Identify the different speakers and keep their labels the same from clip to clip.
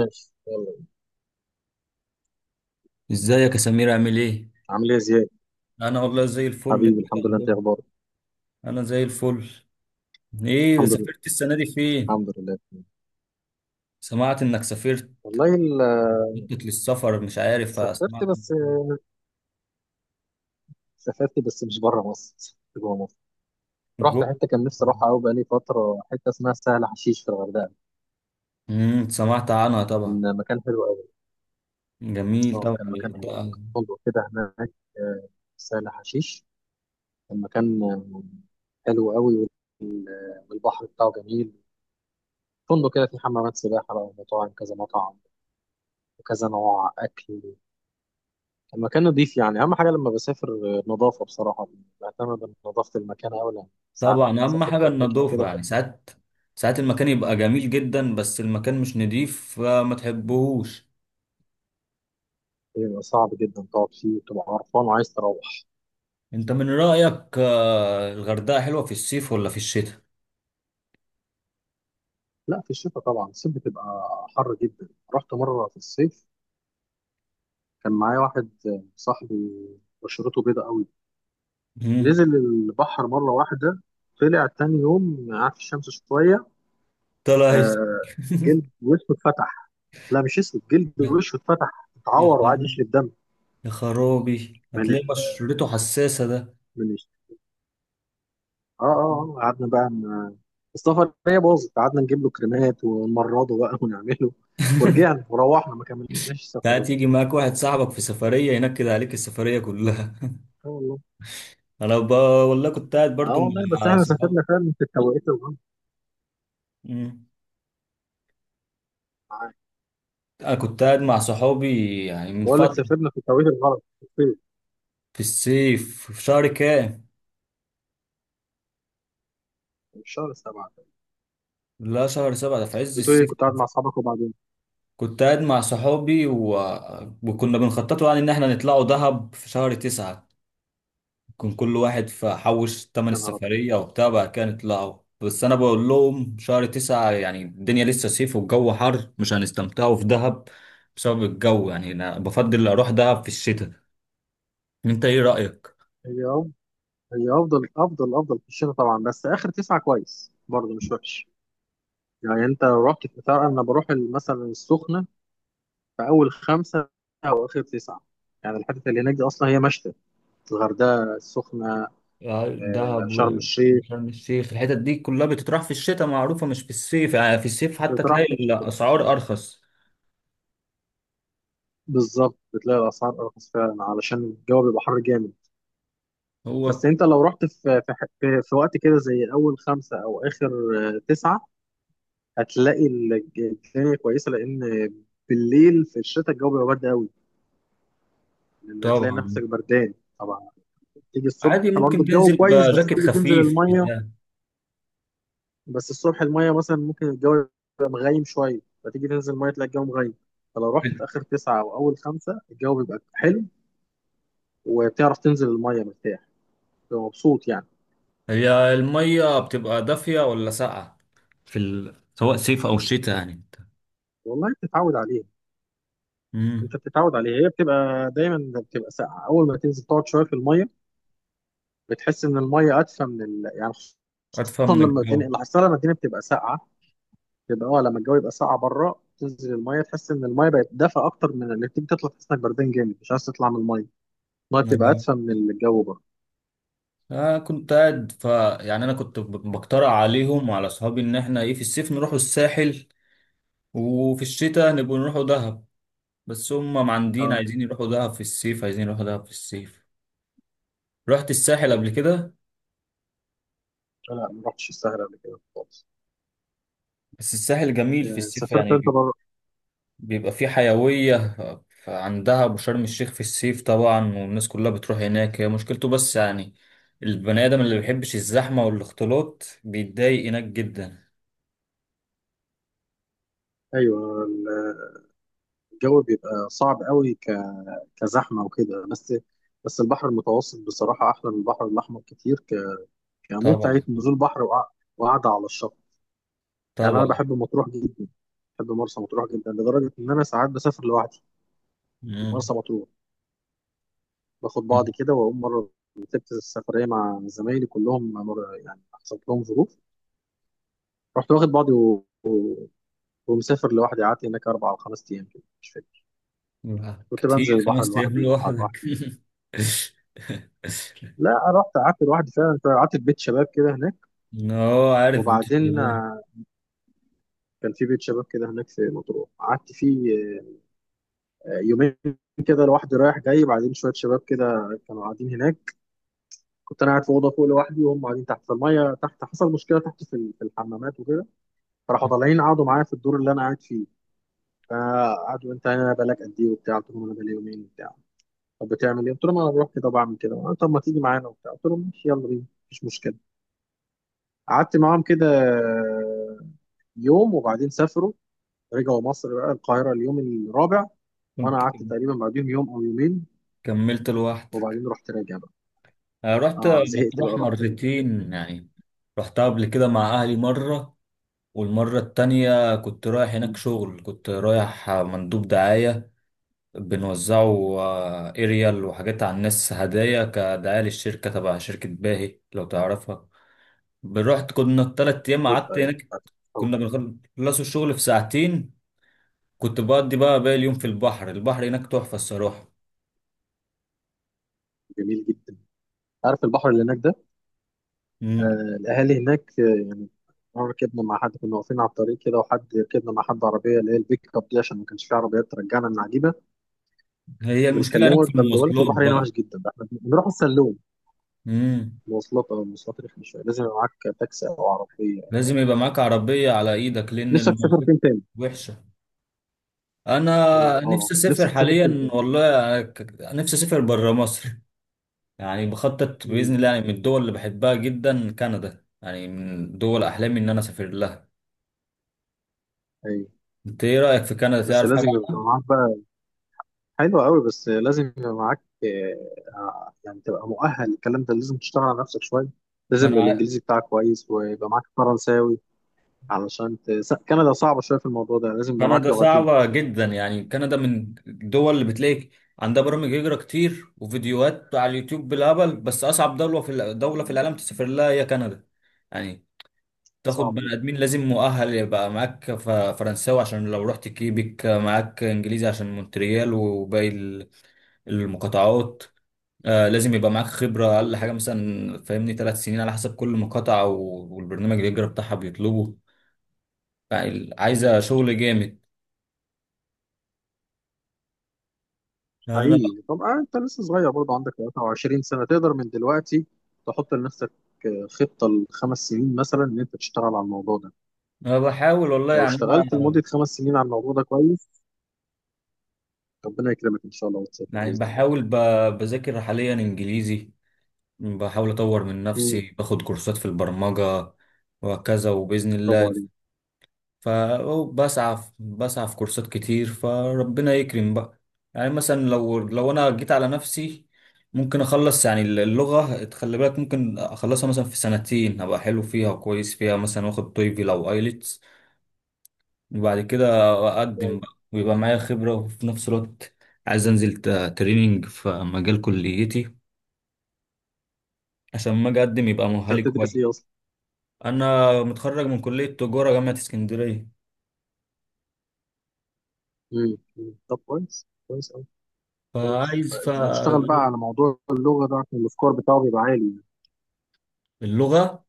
Speaker 1: ماشي يلا.
Speaker 2: ازيك يا سمير، عامل ايه؟
Speaker 1: عامل ايه يا زياد؟
Speaker 2: انا والله زي الفل. انت
Speaker 1: حبيبي
Speaker 2: إيه
Speaker 1: الحمد لله، انت
Speaker 2: الاخبار؟
Speaker 1: إيه اخبارك؟
Speaker 2: انا زي الفل. ايه،
Speaker 1: الحمد لله.
Speaker 2: سافرت السنه دي فين؟
Speaker 1: الحمد لله.
Speaker 2: سمعت انك سافرت.
Speaker 1: والله ال-
Speaker 2: بتخطط للسفر، مش عارف،
Speaker 1: سافرت
Speaker 2: سمعت.
Speaker 1: بس. سافرت بس مش بره مصر، سافرت جوه مصر.
Speaker 2: جو
Speaker 1: رحت حته كان نفسي اروحها قوي بقالي فتره، حته اسمها سهل حشيش في الغردقه.
Speaker 2: سمعت عنها طبعا.
Speaker 1: كان مكان حلو قوي.
Speaker 2: جميل
Speaker 1: اه
Speaker 2: طبعا
Speaker 1: كان مكان حلو،
Speaker 2: الغردقة.
Speaker 1: كان فندق كده هناك. آه، في سهل حشيش. كان مكان حلو قوي وال- آه، والبحر بتاعه جميل. فندق كده فيه حمامات سباحه بقى ومطاعم، كذا مطعم وكذا نوع اكل. المكان نظيف، يعني اهم حاجه لما بسافر نظافه بصراحه. بهتم بنظافه المكان أوي لأن ساعات
Speaker 2: طبعا اهم
Speaker 1: سافرت
Speaker 2: حاجه
Speaker 1: اماكن
Speaker 2: النظافه،
Speaker 1: كده
Speaker 2: يعني
Speaker 1: كانت
Speaker 2: ساعات، ساعات المكان يبقى جميل جدا بس المكان مش نضيف فما تحبهوش.
Speaker 1: بيبقى صعب جدا تقعد فيه وتبقى قرفان وعايز تروح.
Speaker 2: انت من رايك، الغردقه حلوه في الصيف ولا في الشتاء؟
Speaker 1: لا، في الشتاء طبعا، الصيف بتبقى حر جدا. رحت مره في الصيف، كان معايا واحد صاحبي بشرته بيضاء قوي.
Speaker 2: امم.
Speaker 1: نزل البحر مره واحده، طلع تاني يوم قعد في الشمس شويه.
Speaker 2: طلع
Speaker 1: آه. جلد وشه اتفتح. لا مش اسود، جلد
Speaker 2: يا
Speaker 1: وشه اتفتح، اتعور وقعد
Speaker 2: حلو.
Speaker 1: يشرب دم.
Speaker 2: يا خرابي،
Speaker 1: من
Speaker 2: هتلاقي
Speaker 1: ال...
Speaker 2: بشرته حساسة ده.
Speaker 1: من قعدنا بقى السفر هي باظت، قعدنا نجيب له كريمات ونمرضه بقى ونعمله ورجعنا وروحنا ما كملناش السفرية.
Speaker 2: ساعات يجي معاك واحد صاحبك في سفرية ينكد عليك السفرية كلها.
Speaker 1: اه والله.
Speaker 2: أنا ب... والله كنت قاعد
Speaker 1: اه
Speaker 2: برضو
Speaker 1: والله بس
Speaker 2: مع
Speaker 1: احنا
Speaker 2: صحابي.
Speaker 1: سافرنا فعلا في التوقيت الغلط.
Speaker 2: مم.
Speaker 1: معاك.
Speaker 2: أنا كنت قاعد مع صحابي يعني من
Speaker 1: بقول لك
Speaker 2: فترة.
Speaker 1: سافرنا في التوقيت الغلط في الصيف،
Speaker 2: في الصيف، في شهر كام؟
Speaker 1: في الشهر 7.
Speaker 2: لا، شهر 7 ده في عز
Speaker 1: بتقول لي
Speaker 2: الصيف.
Speaker 1: كنت قاعد مع اصحابك وبعدين؟
Speaker 2: كنت قاعد مع صحابي وكنا بنخططوا يعني إن إحنا نطلعوا دهب في شهر 9. كان كل واحد فحوش تمن
Speaker 1: يا نهار ابيض.
Speaker 2: السفرية وبتاع بقى كان يطلعوا، بس أنا بقول لهم شهر 9 يعني الدنيا لسه صيف والجو حر، مش هنستمتعوا في دهب بسبب الجو. يعني أنا بفضل أروح دهب في الشتاء. أنت إيه رأيك؟
Speaker 1: هي أف- هي افضل افضل افضل في الشتاء طبعا، بس اخر تسعة كويس برضه مش وحش. يعني انت رحت في، تعرف انا بروح مثلا السخنة في اول 5 او اخر 9. يعني الحتت اللي هناك دي اصلا هي مشتى، الغردقه السخنه.
Speaker 2: آه، دهب
Speaker 1: شرم
Speaker 2: و-
Speaker 1: الشيخ.
Speaker 2: وشرم الشيخ الحتت دي كلها بتتراح في الشتاء معروفة، مش في الصيف. يعني في الصيف
Speaker 1: انت
Speaker 2: حتى
Speaker 1: بتروح
Speaker 2: تلاقي
Speaker 1: في الشتاء
Speaker 2: الأسعار أرخص.
Speaker 1: بالظبط، بتلاقي الاسعار ارخص فعلا علشان الجو بيبقى حر جامد. بس
Speaker 2: هو
Speaker 1: انت لو رحت في في, ح- في في وقت كده زي اول 5 او اخر 9، هتلاقي الج- الدنيا كويسه لان بالليل في الشتاء الجو بيبقى برد قوي، لان هتلاقي
Speaker 2: طبعا
Speaker 1: نفسك بردان. طبعا. تيجي الصبح
Speaker 2: عادي
Speaker 1: برضه
Speaker 2: ممكن
Speaker 1: الجو
Speaker 2: تنزل
Speaker 1: كويس، بس
Speaker 2: بجاكيت
Speaker 1: تيجي تنزل
Speaker 2: خفيف
Speaker 1: الميه.
Speaker 2: بتاع.
Speaker 1: بس الصبح المية مثلا ممكن الجو يبقى مغيم شوية، فتيجي تنزل المية تلاقي الجو مغيم. فلو رحت في آخر 9 أو أول 5 الجو بيبقى حلو وبتعرف تنزل المية مرتاح، بتبقى مبسوط يعني.
Speaker 2: هي المية بتبقى دافية ولا ساقعة سواء صيف أو شتاء، يعني انت.
Speaker 1: والله بتتعود عليها.
Speaker 2: امم.
Speaker 1: أنت بتتعود عليها، هي بتبقى دايما بتبقى ساقعة، أول ما تنزل تقعد شوية في المية بتحس إن المية أدفى يعني خصوصا
Speaker 2: أدفى من
Speaker 1: لما الدنيا
Speaker 2: الجو.
Speaker 1: اللي حصل لما الدنيا بتبقى ساقعة، بتبقى اه لما الجو يبقى ساقعة بره تنزل المية تحس إن المية بقت دافئة أكتر، من اللي بتيجي تطلع تحس إنك بردان جامد مش عايز تطلع من المية، المية بتبقى
Speaker 2: نعم.
Speaker 1: أدفى من الجو بره.
Speaker 2: أنا كنت قاعد ف يعني أنا كنت بقترح عليهم وعلى أصحابي إن إحنا إيه في الصيف نروحوا الساحل، وفي الشتاء نبقوا نروحوا دهب. بس هم معندين،
Speaker 1: اه.
Speaker 2: عايزين يروحوا دهب في الصيف، عايزين يروحوا دهب في الصيف. رحت الساحل
Speaker 1: مم.
Speaker 2: قبل كده؟
Speaker 1: لا ما رحتش الساحل قبل كده خالص.
Speaker 2: بس الساحل جميل في الصيف
Speaker 1: سافرت انت
Speaker 2: يعني.
Speaker 1: بره.
Speaker 2: بيبقى في حيوية، عندها أبو شرم الشيخ في الصيف طبعا، والناس كلها بتروح هناك. هي مشكلته، بس يعني البني آدم اللي بيحبش الزحمة والاختلاط بيتضايق هناك جدا.
Speaker 1: ايوه ال- الجو بيبقى صعب قوي كزحمه وكده. بس بس البحر المتوسط بصراحه احلى من البحر الاحمر كتير، كمتعه
Speaker 2: طبعا.
Speaker 1: نزول بحر وقعده على الشط. يعني انا
Speaker 2: طبعا.
Speaker 1: بحب مطروح جدا، بحب مرسى مطروح جدا لدرجه ان انا ساعات بسافر لوحدي
Speaker 2: مم.
Speaker 1: مرسى مطروح. باخد بعضي كده واقوم. مره رتبت السفريه مع زمايلي كلهم يعني حصلت لهم ظروف، رحت واخد بعضي ومسافر لوحدي. قعدت هناك 4 أو 5 أيام كده مش فاكر.
Speaker 2: لا،
Speaker 1: كنت بنزل
Speaker 2: كتير
Speaker 1: البحر
Speaker 2: 5 أيام
Speaker 1: لوحدي واطلع
Speaker 2: لوحدك.
Speaker 1: لوحدي. لا رحت قعدت لوحدي فعلا، قعدت في بيت شباب كده هناك.
Speaker 2: اه، عارف بيوت
Speaker 1: وبعدين
Speaker 2: الشباب.
Speaker 1: كان في بيت شباب كده هناك في مطروح قعدت فيه يومين كده لوحدي رايح جاي. بعدين شويه شباب كده كانوا قاعدين هناك. كنت انا قاعد في اوضه فوق لوحدي، وهم قاعدين تحت في الميه تحت، حصل مشكله تحت في الحمامات وكده. فراحوا طالعين قعدوا معايا في الدور اللي انا قاعد فيه. فقعدوا انت هنا بقالك قد ايه وبتاع؟ قلت لهم انا بقالي يومين وبتاع. طب بتعمل ايه؟ قلت لهم انا بروح كده بعمل كده. قالوا طب ما تيجي معانا وبتاع؟ قلت لهم ماشي يلا بينا مفيش مشكله. قعدت معاهم كده يوم، وبعدين سافروا رجعوا مصر بقى القاهره اليوم الرابع، وانا
Speaker 2: كنت
Speaker 1: قعدت تقريبا بعدهم يوم او يومين
Speaker 2: كملت لوحدك؟
Speaker 1: وبعدين رحت راجع بقى.
Speaker 2: أنا رحت
Speaker 1: اه زهقت
Speaker 2: مطروح
Speaker 1: بقى رحت راجع.
Speaker 2: مرتين يعني. رحتها قبل كده مع أهلي مرة، والمرة التانية كنت رايح هناك
Speaker 1: مم.
Speaker 2: شغل، كنت رايح مندوب دعاية. بنوزعه اريال وحاجات على الناس، هدايا كدعاية للشركة، تبع شركة باهي لو تعرفها. رحت، كنا التلات أيام
Speaker 1: عارف،
Speaker 2: قعدت
Speaker 1: أيوة،
Speaker 2: هناك.
Speaker 1: عارف. أوه.
Speaker 2: كنا بنخلصوا الشغل في ساعتين. كنت بقضي بقى باقي اليوم في البحر. البحر هناك تحفة الصراحة.
Speaker 1: جميل جدا. عارف البحر اللي هناك ده؟
Speaker 2: مم.
Speaker 1: آه الاهالي هناك، آه يعني مرة ركبنا مع حد، كنا واقفين على الطريق كده، وحد ركبنا مع حد عربيه اللي هي البيك اب دي، عشان ما كانش في عربيات ترجعنا من عجيبه.
Speaker 2: هي المشكلة هناك
Speaker 1: بنكلمه
Speaker 2: في
Speaker 1: ده بيقول لك
Speaker 2: المواصلات
Speaker 1: البحر هنا
Speaker 2: بقى.
Speaker 1: وحش جدا، ده احنا بنروح السلوم.
Speaker 2: مم.
Speaker 1: مواصلات او مواصلات رخمه شويه، لازم يبقى معاك تاكسي او عربيه يعني.
Speaker 2: لازم يبقى معاك عربية على إيدك، لأن
Speaker 1: نفسك تسافر
Speaker 2: المواصلات
Speaker 1: فين تاني؟
Speaker 2: وحشة. انا
Speaker 1: اه
Speaker 2: نفسي اسافر
Speaker 1: نفسك تسافر فين
Speaker 2: حاليا
Speaker 1: تاني؟
Speaker 2: والله، نفسي اسافر بره مصر. يعني بخطط
Speaker 1: امم.
Speaker 2: باذن الله. يعني من الدول اللي بحبها جدا كندا، يعني من دول احلامي ان انا اسافر لها.
Speaker 1: ايوه.
Speaker 2: انت ايه رايك في كندا،
Speaker 1: بس
Speaker 2: تعرف حاجه
Speaker 1: لازم يبقى
Speaker 2: عنها؟
Speaker 1: معاك بقى. حلو قوي بس لازم يبقى معاك يعني تبقى مؤهل، الكلام ده لازم تشتغل على نفسك شويه،
Speaker 2: ما انا
Speaker 1: لازم
Speaker 2: عا-
Speaker 1: الانجليزي بتاعك كويس ويبقى معاك فرنساوي علشان كندا صعبه شويه في الموضوع ده، لازم يبقى معاك
Speaker 2: كندا
Speaker 1: لغتين.
Speaker 2: صعبه جدا. يعني كندا من الدول اللي بتلاقي عندها برامج هجره كتير وفيديوهات على اليوتيوب بالهبل، بس اصعب دوله دوله في العالم تسافر لها هي كندا. يعني تاخد
Speaker 1: صعبه
Speaker 2: بني ادمين، لازم مؤهل يبقى معاك فرنساوي، عشان لو رحت كيبك معاك انجليزي، عشان مونتريال وباقي المقاطعات. آه، لازم يبقى معاك خبرة اقل
Speaker 1: جدا
Speaker 2: حاجة مثلا، فاهمني 3 سنين على حسب كل مقاطعة والبرنامج الهجرة بتاعها بيطلبه. يعني عايزة شغل جامد. يعني انا
Speaker 1: حقيقي. طب انت لسه صغير برضه، عندك 23 سنة تقدر من دلوقتي تحط لنفسك خطة لخمس سنين مثلا ان انت تشتغل على الموضوع ده.
Speaker 2: انا بحاول والله.
Speaker 1: لو
Speaker 2: يعني
Speaker 1: اشتغلت
Speaker 2: انا
Speaker 1: لمدة 5 سنين على الموضوع ده كويس، ربنا يكرمك ان شاء الله وتسافر
Speaker 2: يعني
Speaker 1: بإذن الله.
Speaker 2: بحاول بذاكر حاليا انجليزي. بحاول اطور من
Speaker 1: مم.
Speaker 2: نفسي، باخد كورسات في البرمجة وهكذا، وبإذن
Speaker 1: برافو
Speaker 2: الله.
Speaker 1: عليك.
Speaker 2: فبسعى بسعى في كورسات كتير، فربنا يكرم بقى. يعني مثلا لو انا جيت على نفسي ممكن اخلص. يعني اللغة، تخلي بالك ممكن اخلصها مثلا في سنتين، ابقى حلو فيها وكويس فيها، مثلا واخد تويفل او ايلتس. وبعد كده اقدم
Speaker 1: طيب.
Speaker 2: بقى ويبقى معايا خبرة، وفي نفس الوقت عايز انزل تريننج في مجال كليتي عشان ما اجي اقدم يبقى
Speaker 1: انت
Speaker 2: مؤهلي كويس.
Speaker 1: هتدرس ايه اصلا؟
Speaker 2: انا متخرج من كلية تجارة جامعة اسكندرية.
Speaker 1: مم. مم. طب كويس، كويس قوي. كويس،
Speaker 2: فعايز ف
Speaker 1: اشتغل بقى على موضوع اللغة ده عشان السكور بتاعه بيبقى عالي.
Speaker 2: اللغة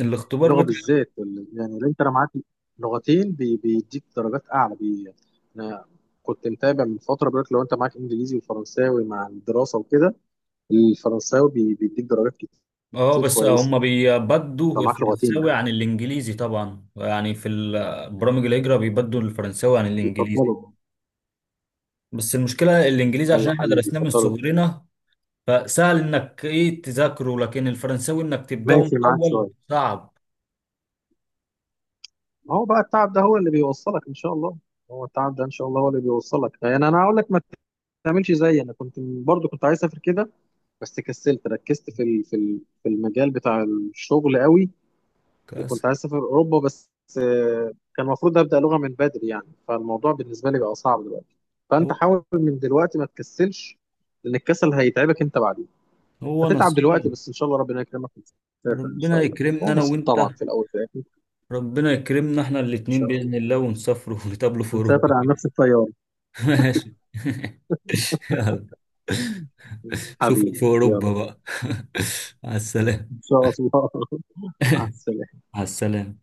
Speaker 2: الاختبار
Speaker 1: اللغه
Speaker 2: بتاع.
Speaker 1: بالذات يعني اللي انت لو معاك لغتين بيديك درجات اعلى انا كنت متابع من فتره بيقول لك لو انت معاك انجليزي وفرنساوي مع الدراسه وكده الفرنساوي بيديك درجات
Speaker 2: اه،
Speaker 1: كتير
Speaker 2: بس
Speaker 1: كويسه.
Speaker 2: هم
Speaker 1: لو
Speaker 2: بيبدوا
Speaker 1: معاك لغتين
Speaker 2: الفرنساوي
Speaker 1: يعني
Speaker 2: عن الانجليزي طبعا. يعني برامج الهجرة بيبدوا الفرنساوي عن الانجليزي.
Speaker 1: بيفضلوا.
Speaker 2: بس المشكلة الانجليزي عشان
Speaker 1: ايوه
Speaker 2: احنا
Speaker 1: حقيقي
Speaker 2: درسناه من
Speaker 1: بيفضلوا.
Speaker 2: صغرنا، فسهل انك ايه تذاكره. لكن الفرنساوي انك تبدأه من
Speaker 1: ماشي معاك
Speaker 2: الاول
Speaker 1: شويه.
Speaker 2: صعب.
Speaker 1: ما هو بقى التعب ده هو اللي بيوصلك ان شاء الله. هو التعب ده ان شاء الله هو اللي بيوصلك. يعني انا هقول لك ما تعملش زيي، انا كنت برضو كنت عايز اسافر كده بس كسلت، ركزت في المجال بتاع الشغل قوي،
Speaker 2: كاس
Speaker 1: وكنت عايز اسافر اوروبا بس كان المفروض ابدا لغه من بدري يعني، فالموضوع بالنسبه لي بقى صعب دلوقتي. فانت
Speaker 2: هو
Speaker 1: حاول من دلوقتي ما تكسلش لان الكسل هيتعبك انت بعدين.
Speaker 2: هو
Speaker 1: هتتعب دلوقتي
Speaker 2: نصيب.
Speaker 1: بس ان شاء الله ربنا يكرمك وتسافر ان
Speaker 2: ربنا
Speaker 1: شاء الله،
Speaker 2: يكرمنا
Speaker 1: هو
Speaker 2: انا
Speaker 1: نصيب
Speaker 2: وانت.
Speaker 1: طبعا في الاول في الاخر ان
Speaker 2: ربنا يكرمنا احنا الاتنين
Speaker 1: شاء الله.
Speaker 2: بإذن الله، ونسافروا ونتقابلوا في
Speaker 1: نسافر
Speaker 2: اوروبا.
Speaker 1: على نفس الطياره.
Speaker 2: ماشي. يلا، شوفك
Speaker 1: حبيبي
Speaker 2: في
Speaker 1: يلا،
Speaker 2: اوروبا بقى. على السلامه.
Speaker 1: ان شاء الله مع السلامه.
Speaker 2: على السلامه.